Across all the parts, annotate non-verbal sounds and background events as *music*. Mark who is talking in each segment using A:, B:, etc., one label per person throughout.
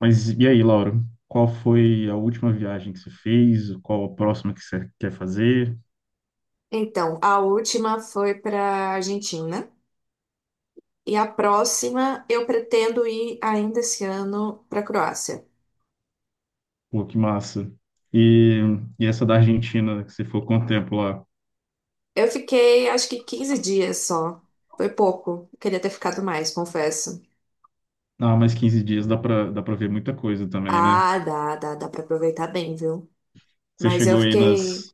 A: Mas e aí, Lauro? Qual foi a última viagem que você fez? Qual a próxima que você quer fazer?
B: Então, a última foi para Argentina e a próxima eu pretendo ir ainda esse ano para Croácia.
A: Pô, que massa. E, e essa da Argentina, que você ficou quanto tempo lá?
B: Eu fiquei acho que 15 dias só. Foi pouco. Queria ter ficado mais, confesso.
A: Ah, mais 15 dias dá pra ver muita coisa também, né?
B: Ah, dá para aproveitar bem, viu?
A: Você
B: Mas eu
A: chegou aí
B: fiquei,
A: nas.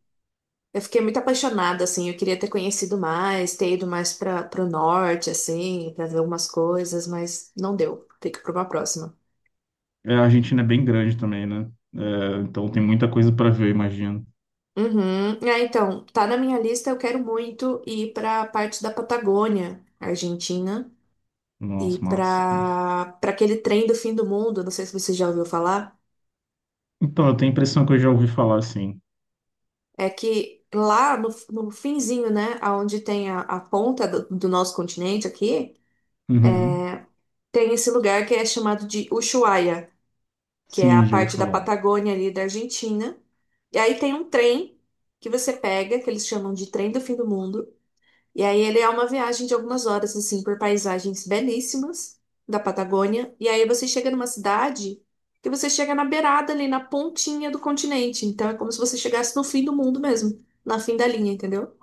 B: eu fiquei muito apaixonada assim, eu queria ter conhecido mais, ter ido mais para o norte assim, para ver algumas coisas, mas não deu. Fica para uma próxima.
A: A Argentina é bem grande também, né? É, então tem muita coisa pra ver, eu imagino.
B: Uhum. É, então, tá na minha lista, eu quero muito ir para parte da Patagônia, Argentina, e
A: Nossa, massa, nossa.
B: para aquele trem do fim do mundo, não sei se você já ouviu falar,
A: Então, eu tenho a impressão que eu já ouvi falar, sim.
B: é que lá no finzinho, né, aonde tem a ponta do nosso continente aqui,
A: Uhum.
B: tem esse lugar que é chamado de Ushuaia, que é a
A: Sim, já ouvi
B: parte da
A: falar.
B: Patagônia ali da Argentina. E aí tem um trem que você pega, que eles chamam de trem do fim do mundo. E aí ele é uma viagem de algumas horas, assim, por paisagens belíssimas da Patagônia. E aí você chega numa cidade que você chega na beirada ali, na pontinha do continente. Então é como se você chegasse no fim do mundo mesmo, na fim da linha, entendeu?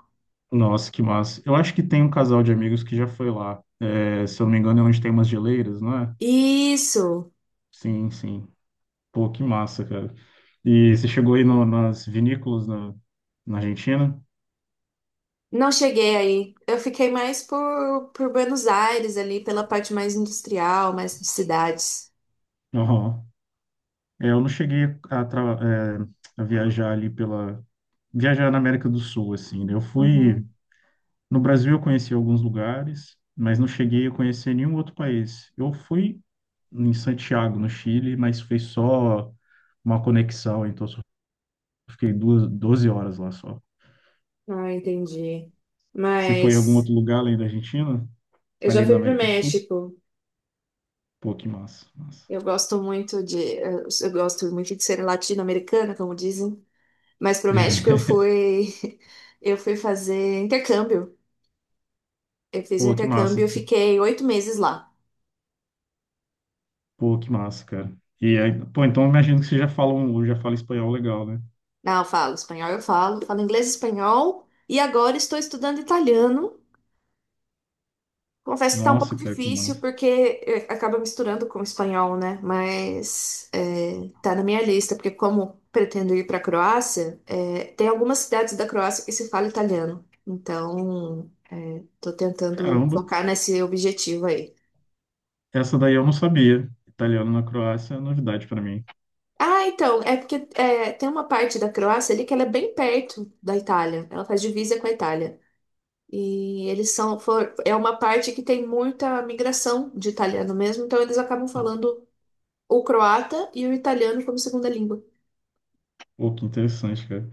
A: Nossa, que massa. Eu acho que tem um casal de amigos que já foi lá. É, se eu não me engano, é onde tem umas geleiras, não é?
B: Isso!
A: Sim, sim. Pô, que massa, cara. E você chegou aí nas vinícolas na, na Argentina?
B: Não cheguei aí. Eu fiquei mais por Buenos Aires ali, pela parte mais industrial, mais de cidades.
A: Aham. É, eu não cheguei a, tra- a viajar ali pela... Viajar na América do Sul, assim, né? Eu fui...
B: Uhum.
A: No Brasil eu conheci alguns lugares, mas não cheguei a conhecer nenhum outro país. Eu fui em Santiago, no Chile, mas foi só uma conexão, então fiquei duas, 12 horas lá só.
B: Ah, entendi.
A: Você foi em algum
B: Mas
A: outro lugar além da Argentina?
B: eu já
A: Ali na
B: fui pro
A: América do Sul?
B: México.
A: Pô, que massa, massa.
B: Eu gosto muito de, eu gosto muito de ser latino-americana, como dizem. Mas pro México eu
A: *laughs*
B: fui, *laughs* eu fui fazer intercâmbio. Eu fiz um
A: Pô, que massa.
B: intercâmbio, eu fiquei 8 meses lá.
A: Pô, que massa, cara. E aí, pô, então eu imagino que você já fala, um, já fala espanhol legal, né?
B: Não, eu falo espanhol, eu falo, falo inglês, e espanhol e agora estou estudando italiano. Confesso que tá um pouco
A: Nossa, cara, que
B: difícil
A: massa.
B: porque acaba misturando com o espanhol, né? Mas tá na minha lista, porque como pretendo ir para a Croácia, tem algumas cidades da Croácia que se fala italiano. Então, tô tentando
A: Caramba,
B: focar nesse objetivo aí.
A: essa daí eu não sabia. Italiano na Croácia é novidade pra mim.
B: Ah, então, é porque tem uma parte da Croácia ali que ela é bem perto da Itália. Ela faz divisa com a Itália. E eles são, é uma parte que tem muita migração de italiano mesmo, então eles acabam falando o croata e o italiano como segunda língua.
A: Pô, que interessante, cara.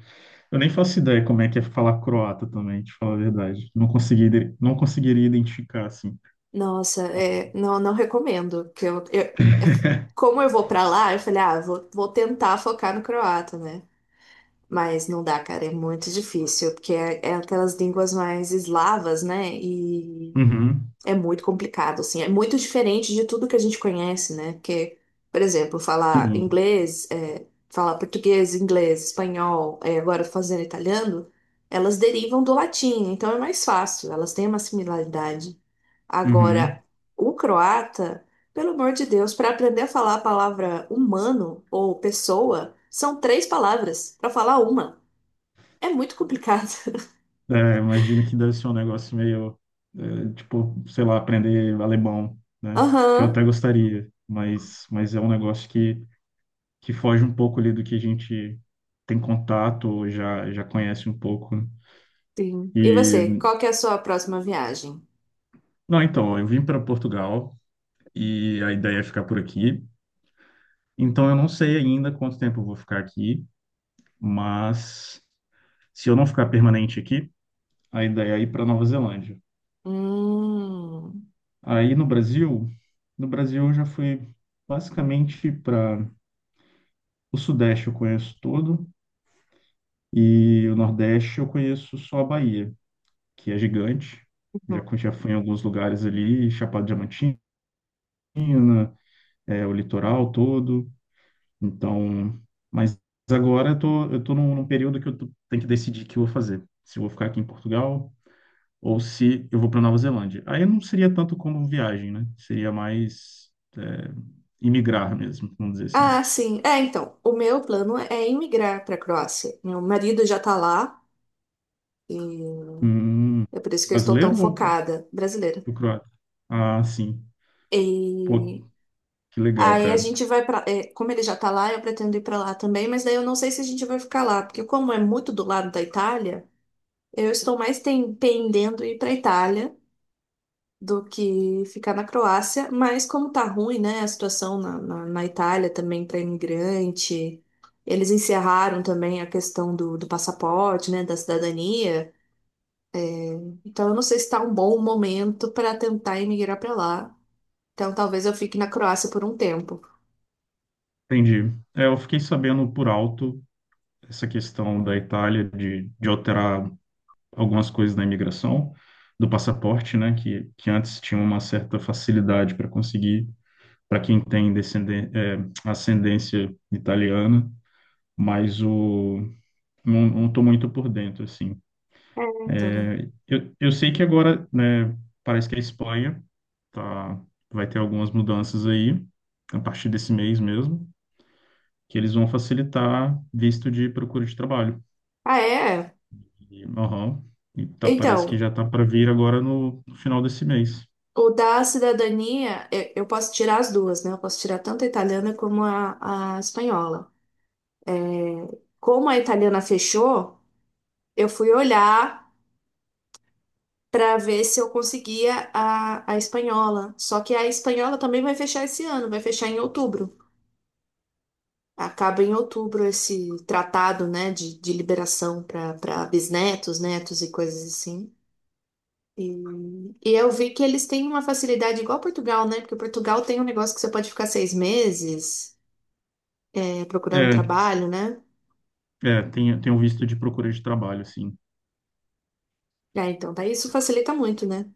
A: Eu nem faço ideia como é que é falar croata também, te falar a verdade. Não consegui, ide- não conseguiria identificar, assim.
B: Nossa, é, não recomendo. Que eu, é- como eu vou pra lá, eu falei, ah, vou tentar focar no croata, né? Mas não dá, cara, é muito difícil, porque é aquelas línguas mais eslavas, né? E
A: Uhum,
B: é muito complicado, assim. É muito diferente de tudo que a gente conhece, né? Porque, por exemplo, falar
A: sim,
B: inglês, é, falar português, inglês, espanhol, é, agora fazendo italiano, elas derivam do latim, então é mais fácil, elas têm uma similaridade. Agora,
A: uhum.
B: o croata, pelo amor de Deus, para aprender a falar a palavra humano ou pessoa, são 3 palavras para falar uma. É muito complicado. *laughs*
A: É, imagino que deve ser um negócio meio, é, tipo, sei lá, aprender alemão, né? Que eu
B: Aham,
A: até gostaria, mas é um negócio que foge um pouco ali do que a gente tem contato ou já conhece um pouco, né?
B: sim. E você,
A: E,
B: qual que é a sua próxima viagem?
A: não, então, eu vim para Portugal e a ideia é ficar por aqui. Então, eu não sei ainda quanto tempo eu vou ficar aqui, mas se eu não ficar permanente aqui, a ideia é ir para Nova Zelândia.
B: Hum.
A: Aí no Brasil eu já fui basicamente para o Sudeste. Eu conheço todo, e o Nordeste eu conheço só a Bahia, que é gigante. Já,
B: Uhum.
A: co- já fui em alguns lugares ali, Chapada Diamantina, é, o litoral todo. Então, mas agora eu tô num período que tenho que decidir o que eu vou fazer. Se eu vou ficar aqui em Portugal ou se eu vou para Nova Zelândia. Aí não seria tanto como viagem, né? Seria mais é, imigrar mesmo, vamos dizer assim.
B: Ah, sim. É, então, o meu plano é emigrar para a Croácia. Meu marido já tá lá e
A: Hum,
B: é por isso que eu estou tão
A: brasileiro
B: focada, brasileira.
A: ou croata? Ah, sim. Pô,
B: E
A: que legal,
B: aí a
A: cara.
B: gente vai para, como ele já tá lá, eu pretendo ir para lá também, mas daí eu não sei se a gente vai ficar lá, porque como é muito do lado da Itália, eu estou mais pendendo ir para a Itália, do que ficar na Croácia, mas como tá ruim, né, a situação na Itália também para imigrante, eles encerraram também a questão do passaporte, né, da cidadania, então eu não sei se tá um bom momento para tentar emigrar para lá, então talvez eu fique na Croácia por um tempo.
A: Entendi. É, eu fiquei sabendo por alto essa questão da Itália de, alterar algumas coisas na imigração, do passaporte, né? Que antes tinha uma certa facilidade para conseguir. Para quem tem ascendência italiana, mas o, não, não tô muito por dentro, assim.
B: É, então.
A: Eu sei que agora, né, parece que a Espanha tá, vai ter algumas mudanças aí, a partir desse mês mesmo, que eles vão facilitar visto de procura de trabalho.
B: Ah, é?
A: E, aham, e tá, parece que
B: Então,
A: já tá para vir agora no, no final desse mês.
B: o da cidadania, eu posso tirar as duas, né? Eu posso tirar tanto a italiana como a espanhola. Como a italiana fechou, eu fui olhar para ver se eu conseguia a espanhola. Só que a espanhola também vai fechar esse ano, vai fechar em outubro. Acaba em outubro esse tratado, né, de liberação para bisnetos, netos e coisas assim. E, e eu vi que eles têm uma facilidade igual a Portugal, né? Porque Portugal tem um negócio que você pode ficar 6 meses, é, procurando
A: É,
B: trabalho, né?
A: é, tem um visto de procura de trabalho, assim.
B: É, então, daí isso facilita muito, né?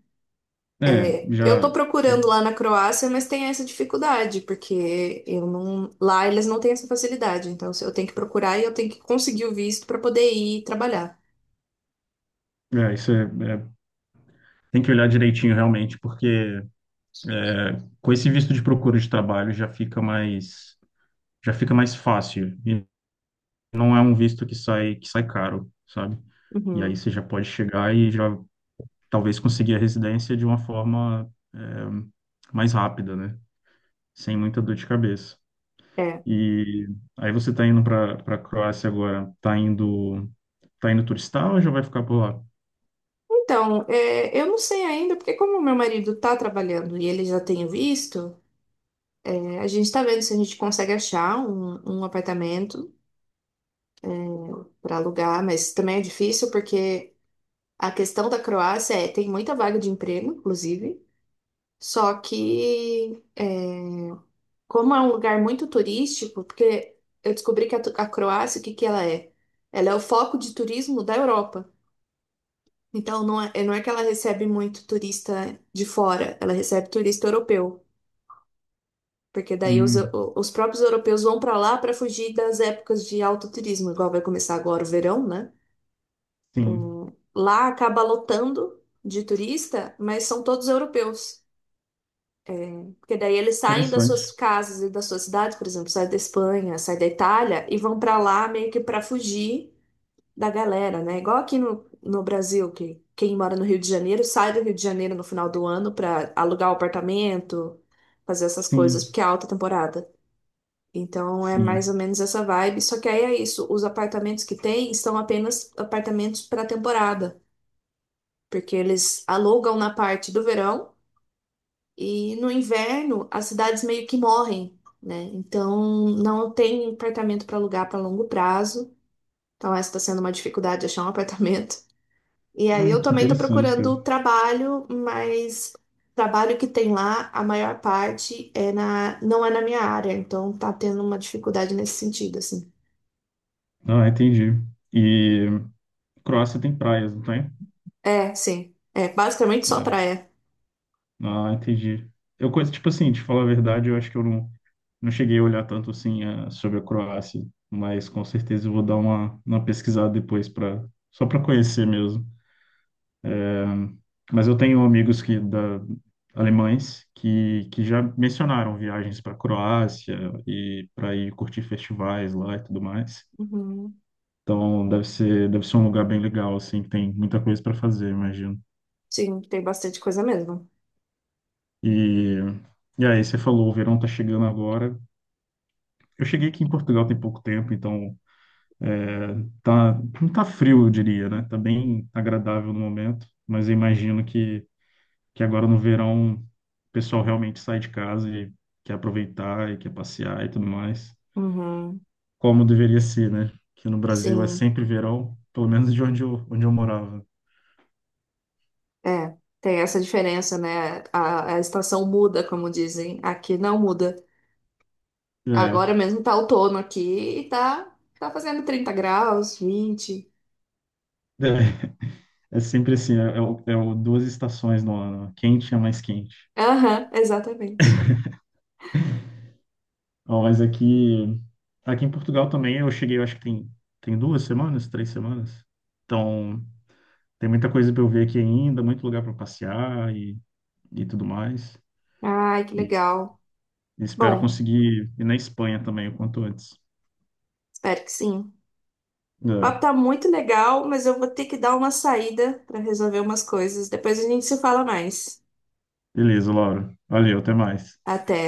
A: É,
B: É, eu
A: já,
B: estou
A: é,
B: procurando lá na Croácia, mas tem essa dificuldade, porque eu não, lá eles não têm essa facilidade. Então, se eu tenho que procurar e eu tenho que conseguir o visto para poder ir trabalhar.
A: é, isso é, é, tem que olhar direitinho realmente, porque com esse visto de procura de trabalho já fica mais. Já fica mais fácil, e não é um visto que sai caro, sabe? E aí
B: Uhum,
A: você já pode chegar e já talvez conseguir a residência de uma forma mais rápida, né? Sem muita dor de cabeça.
B: é.
A: E aí você tá indo para Croácia agora, tá indo, turistar ou já vai ficar por lá?
B: Então, é, eu não sei ainda, porque como meu marido está trabalhando e ele já tem o visto, é, a gente está vendo se a gente consegue achar um apartamento para alugar, mas também é difícil porque a questão da Croácia é, tem muita vaga de emprego, inclusive, só que é, como é um lugar muito turístico, porque eu descobri que a, a Croácia, o que que ela é? Ela é o foco de turismo da Europa. Então, não é, não é que ela recebe muito turista de fora, ela recebe turista europeu. Porque daí
A: Hum,
B: os próprios europeus vão para lá para fugir das épocas de alto turismo, igual vai começar agora o verão, né?
A: sim,
B: Lá acaba lotando de turista, mas são todos europeus. Porque daí eles saem das suas
A: interessante.
B: casas e das suas cidades, por exemplo, saem da Espanha, saem da Itália e vão para lá meio que para fugir da galera, né? Igual aqui no Brasil, que quem mora no Rio de Janeiro sai do Rio de Janeiro no final do ano para alugar o apartamento, fazer essas coisas,
A: Sim,
B: porque é alta temporada. Então é
A: sim.
B: mais ou menos essa vibe. Só que aí é isso, os apartamentos que tem são apenas apartamentos para temporada, porque eles alugam na parte do verão e no inverno as cidades meio que morrem, né? Então não tem apartamento para alugar para longo prazo. Então essa está sendo uma dificuldade achar um *laughs* apartamento. E aí
A: Ah,
B: eu
A: que
B: também tô
A: interessante, cara.
B: procurando trabalho, mas trabalho que tem lá, a maior parte é na, não é na minha área, então tá tendo uma dificuldade nesse sentido, assim.
A: Ah, entendi. E Croácia tem praias, não tem?
B: É, sim. É, basicamente só praia.
A: Ah, entendi. Eu conheço, tipo assim, te falar a verdade, eu acho que eu não, não cheguei a olhar tanto assim sobre a Croácia, mas com certeza eu vou dar uma, pesquisada depois para só para conhecer mesmo. Mas eu tenho amigos que da alemães que já mencionaram viagens para Croácia e para ir curtir festivais lá e tudo mais.
B: Uhum.
A: Então deve ser um lugar bem legal assim, que tem muita coisa para fazer, imagino.
B: Sim, tem bastante coisa mesmo.
A: E e aí você falou, o verão tá chegando agora. Eu cheguei aqui em Portugal tem pouco tempo, então é, tá, não tá frio, eu diria, né? Tá bem agradável no momento, mas eu imagino que, agora no verão o pessoal realmente sai de casa e quer aproveitar e quer passear e tudo mais,
B: Uhum.
A: como deveria ser, né? Que no Brasil é
B: Sim.
A: sempre verão, pelo menos de onde eu morava.
B: É, tem essa diferença, né? A estação muda, como dizem. Aqui não muda.
A: É,
B: Agora mesmo tá outono aqui e tá, tá fazendo 30 graus, 20.
A: *laughs* é, é sempre assim, o duas estações no ano, né? Quente e a mais quente.
B: Aham, exatamente.
A: Ó, mas aqui, aqui em Portugal também eu cheguei, eu acho que tem 2 semanas, 3 semanas. Então, tem muita coisa para eu ver aqui ainda, muito lugar para passear e tudo mais.
B: Ai, que
A: E
B: legal.
A: espero
B: Bom,
A: conseguir ir na Espanha também o quanto antes.
B: espero que sim. O
A: É.
B: papo tá muito legal, mas eu vou ter que dar uma saída para resolver umas coisas. Depois a gente se fala mais.
A: Beleza, Laura. Valeu, até mais.
B: Até.